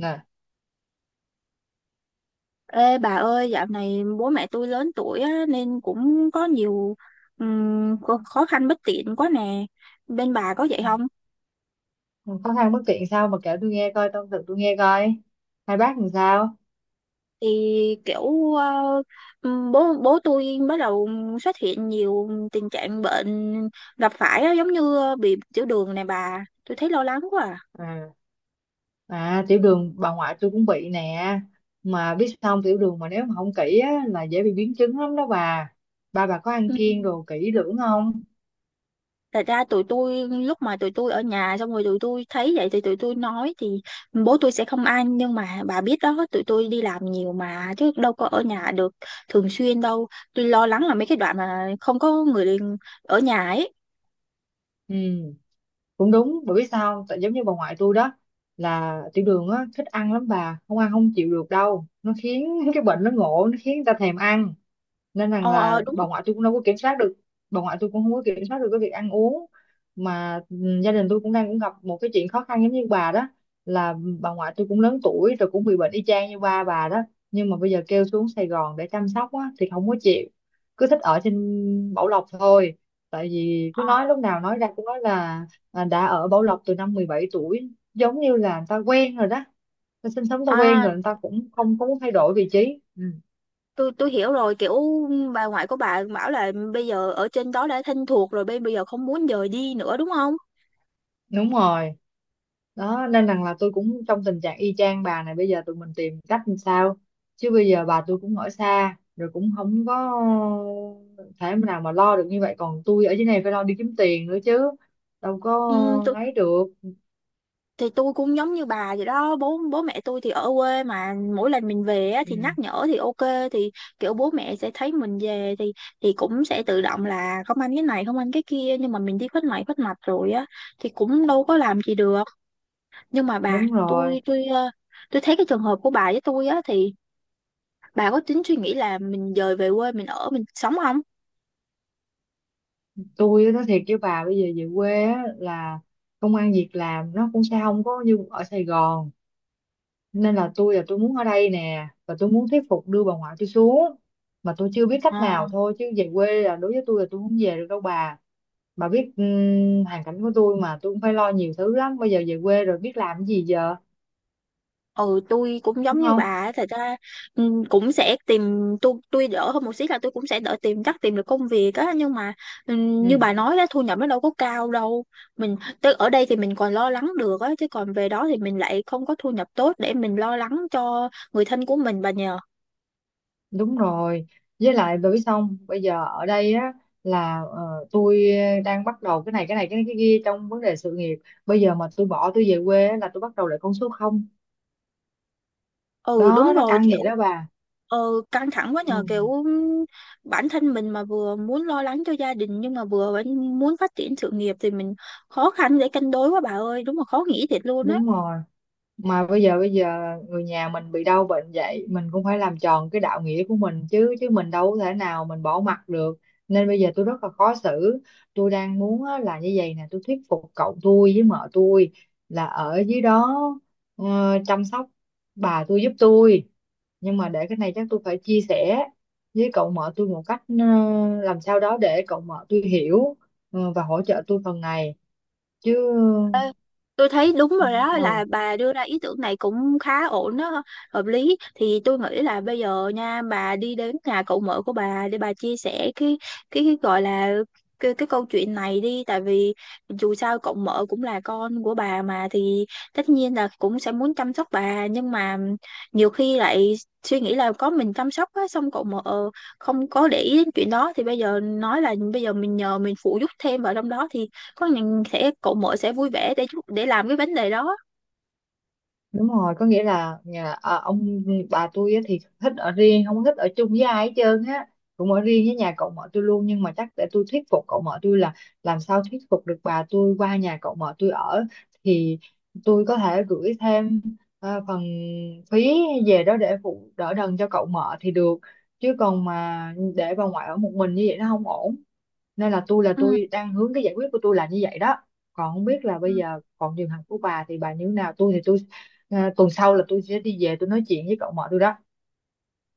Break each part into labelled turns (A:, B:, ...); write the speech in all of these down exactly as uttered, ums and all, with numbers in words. A: Nè,
B: Ê bà ơi, dạo này bố mẹ tôi lớn tuổi á, nên cũng có nhiều ừm, khó khó khăn bất tiện quá nè. Bên bà có vậy không?
A: khó khăn bất tiện sao mà kể tôi nghe coi, tâm sự tôi nghe coi, hai bác làm sao.
B: Thì kiểu ờ, ừm, bố bố tôi bắt đầu xuất hiện nhiều tình trạng bệnh gặp phải á, giống như bị tiểu đường nè bà. Tôi thấy lo lắng quá à.
A: À à tiểu đường bà ngoại tôi cũng bị nè. Mà biết xong, tiểu đường mà nếu mà không kỹ á, là dễ bị biến chứng lắm đó bà. Ba bà có ăn
B: Ừ,
A: kiêng đồ kỹ lưỡng không?
B: thật ra tụi tôi lúc mà tụi tôi ở nhà xong rồi tụi tôi thấy vậy thì tụi tôi nói thì bố tôi sẽ không ăn, nhưng mà bà biết đó, tụi tôi đi làm nhiều mà chứ đâu có ở nhà được thường xuyên đâu. Tôi lo lắng là mấy cái đoạn mà không có người ở nhà ấy.
A: Ừ, cũng đúng, bởi biết sao không? Tại giống như bà ngoại tôi đó, là tiểu đường á, thích ăn lắm, bà không ăn không chịu được đâu, nó khiến cái bệnh nó ngộ, nó khiến người ta thèm ăn, nên
B: ờ
A: rằng
B: ờ
A: là
B: đúng.
A: bà ngoại tôi cũng đâu có kiểm soát được. Bà ngoại tôi cũng không có kiểm soát được cái việc ăn uống mà. ừ, Gia đình tôi cũng đang cũng gặp một cái chuyện khó khăn giống như bà đó, là bà ngoại tôi cũng lớn tuổi rồi, cũng bị bệnh y chang như ba bà đó, nhưng mà bây giờ kêu xuống Sài Gòn để chăm sóc á thì không có chịu, cứ thích ở trên Bảo Lộc thôi. Tại vì cứ
B: ờ
A: nói, lúc nào nói ra cũng nói là à, đã ở Bảo Lộc từ năm mười bảy tuổi, giống như là người ta quen rồi đó, ta sinh sống ta quen
B: À,
A: rồi, người ta cũng không có muốn thay đổi vị trí. ừ,
B: tôi tôi hiểu rồi, kiểu bà ngoại của bà bảo là bây giờ ở trên đó đã thân thuộc rồi, bây bây giờ không muốn dời đi nữa đúng không?
A: Đúng rồi, đó nên rằng là tôi cũng trong tình trạng y chang bà. Này bây giờ tụi mình tìm cách làm sao, chứ bây giờ bà tôi cũng ở xa rồi, cũng không có thể nào mà lo được như vậy, còn tôi ở dưới này phải lo đi kiếm tiền nữa chứ, đâu có
B: Ừ,
A: ấy được.
B: thì tôi cũng giống như bà vậy đó, bố bố mẹ tôi thì ở quê, mà mỗi lần mình về á,
A: Ừ,
B: thì nhắc nhở thì ok, thì kiểu bố mẹ sẽ thấy mình về thì thì cũng sẽ tự động là không ăn cái này không ăn cái kia, nhưng mà mình đi khuất này khuất mặt rồi á thì cũng đâu có làm gì được. Nhưng mà bà
A: đúng rồi.
B: tôi, tôi ờ, tôi thấy cái trường hợp của bà với tôi á thì bà có tính suy nghĩ là mình dời về quê mình ở mình sống
A: Tôi á, nói thiệt với bà, bây giờ về quê á, là công ăn việc làm nó cũng sẽ không có như ở Sài Gòn, nên là tôi là tôi muốn ở đây nè, và tôi muốn thuyết phục đưa bà ngoại tôi xuống, mà tôi chưa biết cách nào
B: không?
A: thôi, chứ về quê là đối với tôi là tôi không về được đâu bà. Bà biết ừm, hoàn cảnh của tôi mà, tôi cũng phải lo nhiều thứ lắm, bây giờ về quê rồi biết làm cái gì giờ,
B: Ừ, tôi cũng giống
A: đúng
B: như bà
A: không?
B: á, thật ra ừ, cũng sẽ tìm. Tôi tôi đỡ hơn một xí là tôi cũng sẽ đỡ tìm, chắc tìm được công việc á, nhưng mà ừ,
A: Ừ,
B: như bà nói đó, thu nhập nó đâu có cao đâu. Mình tới ở đây thì mình còn lo lắng được á, chứ còn về đó thì mình lại không có thu nhập tốt để mình lo lắng cho người thân của mình bà nhờ.
A: đúng rồi. Với lại bởi vì xong bây giờ ở đây á, là ờ, tôi đang bắt đầu cái này cái này cái cái kia trong vấn đề sự nghiệp. Bây giờ mà tôi bỏ tôi về quê á, là tôi bắt đầu lại con số không.
B: Ừ,
A: Đó,
B: đúng
A: nó
B: rồi,
A: căng vậy
B: kiểu
A: đó bà.
B: ừ, căng thẳng quá
A: Ừ,
B: nhờ, kiểu ừm, bản thân mình mà vừa muốn lo lắng cho gia đình nhưng mà vừa vẫn muốn phát triển sự nghiệp, thì mình khó khăn để cân đối quá bà ơi, đúng là khó nghĩ thiệt luôn á.
A: đúng rồi. Mà bây giờ bây giờ người nhà mình bị đau bệnh vậy, mình cũng phải làm tròn cái đạo nghĩa của mình chứ, chứ mình đâu có thể nào mình bỏ mặc được. Nên bây giờ tôi rất là khó xử. Tôi đang muốn á, là như vậy nè, tôi thuyết phục cậu tôi với mợ tôi là ở dưới đó ờ, chăm sóc bà tôi giúp tôi. Nhưng mà để cái này chắc tôi phải chia sẻ với cậu mợ tôi một cách ờ, làm sao đó để cậu mợ tôi hiểu ờ, và hỗ trợ tôi phần này chứ.
B: Ê, tôi thấy đúng rồi đó,
A: ờ,
B: là bà đưa ra ý tưởng này cũng khá ổn đó, hợp lý. Thì tôi nghĩ là bây giờ nha, bà đi đến nhà cậu mợ của bà để bà chia sẻ cái cái, cái gọi là cái, cái câu chuyện này đi. Tại vì dù sao cậu mợ cũng là con của bà mà, thì tất nhiên là cũng sẽ muốn chăm sóc bà, nhưng mà nhiều khi lại suy nghĩ là có mình chăm sóc á, xong cậu mợ không có để ý đến chuyện đó, thì bây giờ nói là bây giờ mình nhờ mình phụ giúp thêm vào trong đó thì có những sẽ cậu mỗi sẽ vui vẻ để giúp- để làm cái vấn đề đó.
A: Đúng rồi, có nghĩa là nhà à, ông bà tôi á thì thích ở riêng, không thích ở chung với ai hết trơn á, cũng ở riêng với nhà cậu mợ tôi luôn. Nhưng mà chắc để tôi thuyết phục cậu mợ tôi là làm sao thuyết phục được bà tôi qua nhà cậu mợ tôi ở, thì tôi có thể gửi thêm ờ, phần phí về đó để phụ đỡ đần cho cậu mợ thì được, chứ còn mà để bà ngoại ở một mình như vậy nó không ổn. Nên là tôi là
B: Ừ.
A: tôi đang hướng cái giải quyết của tôi là như vậy đó. Còn không biết là bây
B: Ừ.
A: giờ còn trường hợp của bà thì bà như thế nào, tôi thì tôi à, tuần sau là tôi sẽ đi về tôi nói chuyện với cậu mợ tôi đó.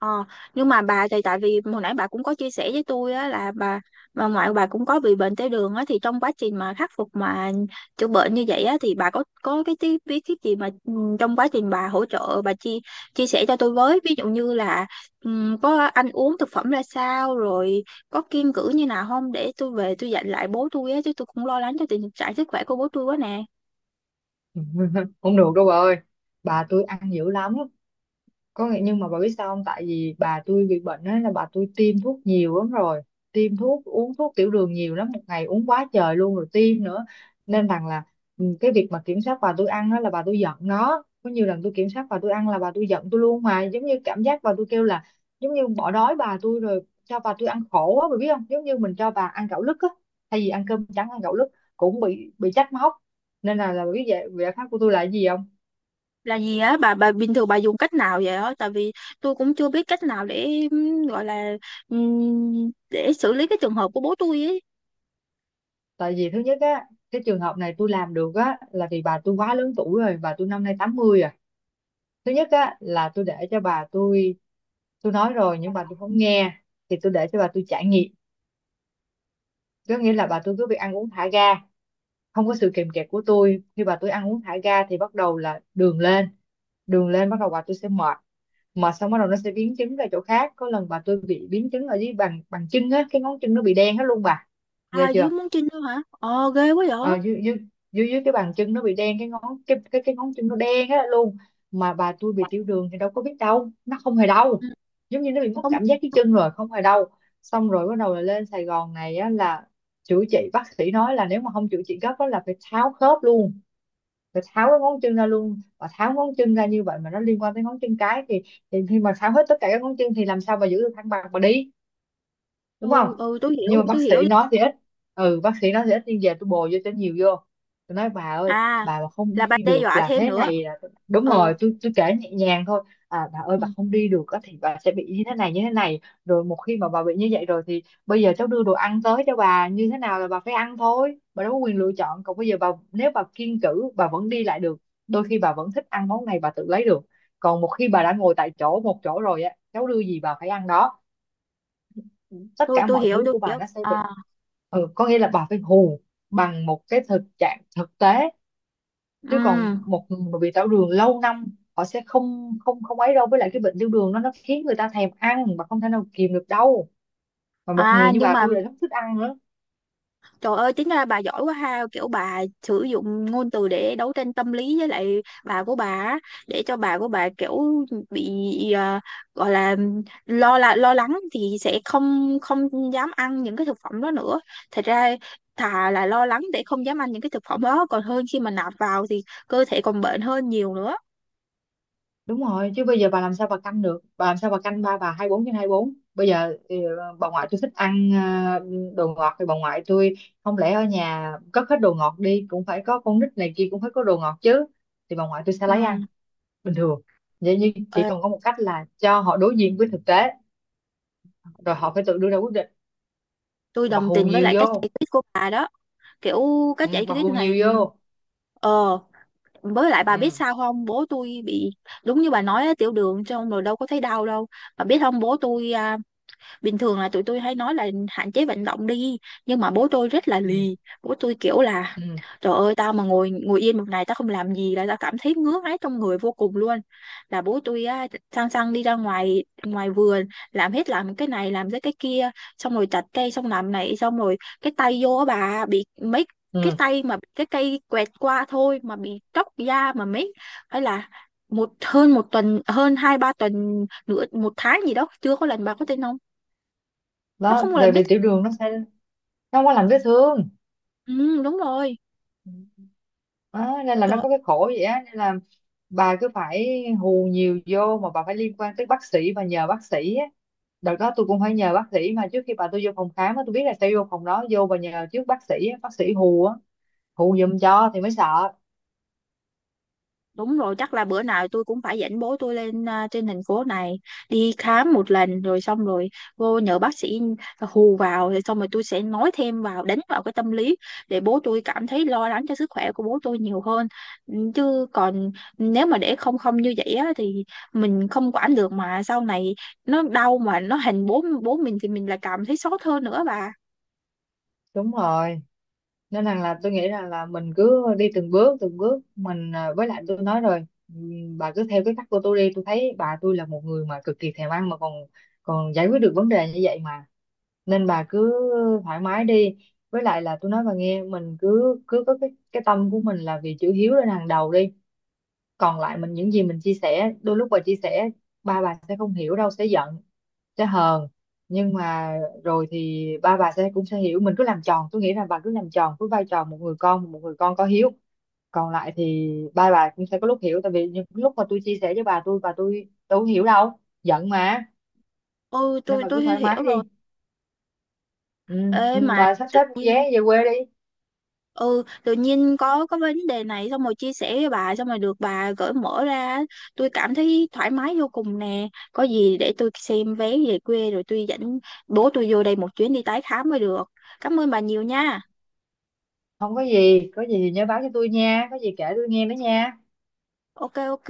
B: Ờ, nhưng mà bà thì tại vì hồi nãy bà cũng có chia sẻ với tôi á là bà bà ngoại của bà cũng có bị bệnh tiểu đường á, thì trong quá trình mà khắc phục mà chữa bệnh như vậy á thì bà có có cái tí bí kíp gì mà ừ, trong quá trình bà hỗ trợ, bà chia chia sẻ cho tôi với. Ví dụ như là ừ, có ăn uống thực phẩm ra sao rồi có kiêng cữ như nào không, để tôi về tôi dặn lại bố tôi á, chứ tôi cũng lo lắng cho tình trạng sức khỏe của bố tôi quá nè.
A: Không được đâu bà ơi, bà tôi ăn dữ lắm. Có nghĩa, nhưng mà bà biết sao không, tại vì bà tôi bị bệnh á, là bà tôi tiêm thuốc nhiều lắm rồi, tiêm thuốc uống thuốc tiểu đường nhiều lắm, một ngày uống quá trời luôn rồi tiêm nữa, nên rằng là ừ, cái việc mà kiểm soát bà tôi ăn á là bà tôi giận. Nó có nhiều lần tôi kiểm soát bà tôi ăn là bà tôi giận tôi luôn, mà giống như cảm giác bà tôi kêu là giống như bỏ đói bà tôi rồi cho bà tôi ăn khổ á, bà biết không, giống như mình cho bà ăn gạo lứt á, thay vì ăn cơm trắng ăn gạo lứt, cũng bị bị trách móc. Nên là là bà biết vậy, giải pháp của tôi là cái gì không?
B: Là gì á bà bà bình thường bà dùng cách nào vậy á? Tại vì tôi cũng chưa biết cách nào để ừm, gọi là ừm, để xử lý cái trường hợp của bố tôi ấy.
A: Tại vì thứ nhất á, cái trường hợp này tôi làm được á là vì bà tôi quá lớn tuổi rồi, bà tôi năm nay tám mươi. À thứ nhất á là tôi để cho bà tôi tôi nói rồi nhưng bà tôi không nghe, thì tôi để cho bà tôi trải nghiệm. Có nghĩa là bà tôi cứ việc ăn uống thả ga, không có sự kìm kẹp của tôi. Khi bà tôi ăn uống thả ga thì bắt đầu là đường lên, đường lên bắt đầu bà tôi sẽ mệt, mệt xong bắt đầu nó sẽ biến chứng ra chỗ khác. Có lần bà tôi bị biến chứng ở dưới bàn bàn chân á, cái ngón chân nó bị đen hết luôn bà. Ghê
B: À dưới
A: chưa?
B: muốn chinh nữa hả? Ờ ghê quá vậy.
A: Ờ, dưới, dưới, dưới dưới cái bàn chân nó bị đen cái ngón, cái cái cái ngón chân nó đen á luôn. Mà bà tôi bị tiểu đường thì đâu có biết đâu, nó không hề đau,
B: Ừ.
A: giống như nó bị mất
B: Không.
A: cảm giác cái chân rồi, không hề đau. Xong rồi bắt đầu là lên Sài Gòn này á, là chữa trị. Bác sĩ nói là nếu mà không chữa trị gấp á là phải tháo khớp luôn, phải tháo cái ngón chân ra luôn. Và tháo ngón chân ra như vậy mà nó liên quan tới ngón chân cái, thì, thì khi mà tháo hết tất cả các ngón chân thì làm sao mà giữ được thăng bằng mà đi, đúng không?
B: Ừ. Ừ, tôi hiểu
A: Nhưng mà
B: tôi
A: bác
B: hiểu.
A: sĩ nói thì ít, ừ, bác sĩ nói thì ít nhưng về tôi bồi vô cho nhiều vô. Tôi nói bà ơi,
B: À,
A: bà mà không
B: là bà
A: đi
B: đe
A: được
B: dọa
A: là
B: thêm
A: thế
B: nữa.
A: này là, đúng
B: Ừ.
A: rồi, tôi tôi kể nhẹ nhàng thôi. À bà ơi,
B: Ừ,
A: bà không đi được á thì bà sẽ bị như thế này như thế này, rồi một khi mà bà bị như vậy rồi thì bây giờ cháu đưa đồ ăn tới cho bà như thế nào là bà phải ăn thôi, bà đâu có quyền lựa chọn. Còn bây giờ bà, nếu bà kiêng cữ bà vẫn đi lại được, đôi khi bà vẫn thích ăn món này bà tự lấy được, còn một khi bà đã ngồi tại chỗ một chỗ rồi á, cháu đưa gì bà phải ăn đó, tất
B: tôi
A: cả
B: tôi
A: mọi
B: hiểu
A: thứ
B: tôi
A: của bà
B: hiểu.
A: nó sẽ bị.
B: À.
A: Ừ, có nghĩa là bà phải hù bằng một cái thực trạng thực tế, chứ còn
B: Ừ.
A: một người mà bị tiểu đường lâu năm họ sẽ không không không ấy đâu. Với lại cái bệnh tiểu đường nó nó khiến người ta thèm ăn mà không thể nào kìm được đâu, mà một
B: À,
A: người như
B: nhưng
A: bà
B: mà
A: tôi lại rất thích ăn nữa.
B: trời ơi, tính ra bà giỏi quá ha, kiểu bà sử dụng ngôn từ để đấu tranh tâm lý với lại bà của bà á, để cho bà của bà kiểu bị à, gọi là lo, là lo lắng, thì sẽ không không dám ăn những cái thực phẩm đó nữa. Thật ra thà là lo lắng để không dám ăn những cái thực phẩm đó, còn hơn khi mà nạp vào thì cơ thể còn bệnh hơn nhiều nữa.
A: Đúng rồi, chứ bây giờ bà làm sao bà canh được, bà làm sao bà canh ba bà hai bốn trên hai bốn? Bây giờ ừ, bà ngoại tôi thích ăn ờ, đồ ngọt, thì bà ngoại tôi, không lẽ ở nhà cất hết đồ ngọt đi, cũng phải có con nít này kia, cũng phải có đồ ngọt chứ, thì bà ngoại tôi sẽ
B: Ừ.
A: lấy ăn bình thường vậy. Nhưng chỉ
B: ờ,
A: cần có một cách là cho họ đối diện với thực tế, rồi họ phải tự đưa ra quyết định,
B: tôi
A: và
B: đồng
A: hù
B: tình với
A: nhiều
B: lại cách
A: vô.
B: giải quyết của bà đó. Kiểu
A: Ừ,
B: cách giải
A: và
B: quyết
A: hù
B: này
A: nhiều vô.
B: ờ, với lại bà biết
A: Ừ,
B: sao không, bố tôi bị đúng như bà nói á, tiểu đường trong rồi đâu có thấy đau đâu. Bà biết không, bố tôi à, bình thường là tụi tôi hay nói là hạn chế vận động đi, nhưng mà bố tôi rất là
A: ừ,
B: lì. Bố tôi kiểu là
A: ừ,
B: trời ơi, tao mà ngồi ngồi yên một ngày tao không làm gì là tao cảm thấy ngứa ngáy trong người vô cùng luôn. Là bố tôi á, sang sang đi ra ngoài ngoài vườn, làm hết, làm cái này làm cái cái kia, xong rồi chặt cây, xong làm này, xong rồi cái tay vô á bà, bị mấy cái
A: ừ.
B: tay mà cái cây quẹt qua thôi mà bị tróc da mà mấy, hay là một hơn một tuần, hơn hai ba tuần, nửa một tháng gì đó chưa có lần bà có thể nấu. Nó
A: Đó,
B: không là
A: về
B: biết.
A: vì tiểu đường nó sẽ nó không có lành vết thương.
B: Ừ, đúng rồi.
A: Đó, nên là nó
B: Trời,
A: có cái khổ vậy á, nên là bà cứ phải hù nhiều vô, mà bà phải liên quan tới bác sĩ và nhờ bác sĩ á. Đợt đó tôi cũng phải nhờ bác sĩ, mà trước khi bà tôi vô phòng khám á, tôi biết là sẽ vô phòng đó, vô và nhờ trước bác sĩ á, bác sĩ hù á, hù giùm cho thì mới sợ.
B: đúng rồi, chắc là bữa nào tôi cũng phải dẫn bố tôi lên à, trên thành phố này đi khám một lần, rồi xong rồi vô nhờ bác sĩ hù vào, rồi xong rồi tôi sẽ nói thêm vào, đánh vào cái tâm lý để bố tôi cảm thấy lo lắng cho sức khỏe của bố tôi nhiều hơn. Ừ, chứ còn nếu mà để không không như vậy á, thì mình không quản được, mà sau này nó đau mà nó hành bố bố mình thì mình lại cảm thấy xót hơn nữa bà.
A: Đúng rồi, nên rằng là tôi nghĩ rằng là mình cứ đi từng bước từng bước mình, à, với lại tôi nói rồi, ừm, bà cứ theo cái cách của tôi đi. Tôi thấy bà tôi là một người mà cực kỳ thèm ăn mà còn còn giải quyết được vấn đề như vậy mà, nên bà cứ thoải mái đi. Với lại là tôi nói bà nghe, mình cứ cứ có cái cái tâm của mình là vì chữ hiếu lên hàng đầu đi. Còn lại mình, những gì mình chia sẻ đôi lúc, bà chia sẻ ba bà sẽ không hiểu đâu, sẽ giận, sẽ hờn, nhưng mà rồi thì ba bà sẽ cũng sẽ hiểu. Mình cứ làm tròn, tôi nghĩ là bà cứ làm tròn với vai trò một người con, một người con có hiếu. Còn lại thì ba bà cũng sẽ có lúc hiểu, tại vì những lúc mà tôi chia sẻ với bà tôi, bà tôi tôi không hiểu đâu, giận mà,
B: Ừ,
A: nên
B: tôi
A: bà cứ
B: tôi
A: thoải mái
B: hiểu
A: đi.
B: rồi.
A: Ừ,
B: Ê
A: ừ,
B: mà
A: bà sắp xếp mua vé về quê đi.
B: ừ, tự nhiên có có vấn đề này, xong rồi chia sẻ với bà, xong rồi được bà gởi mở ra, tôi cảm thấy thoải mái vô cùng nè. Có gì để tôi xem vé về quê rồi tôi dẫn bố tôi vô đây một chuyến đi tái khám mới được. Cảm ơn bà nhiều nha.
A: Không có gì, có gì thì nhớ báo cho tôi nha, có gì kể tôi nghe nữa nha.
B: Ok ok.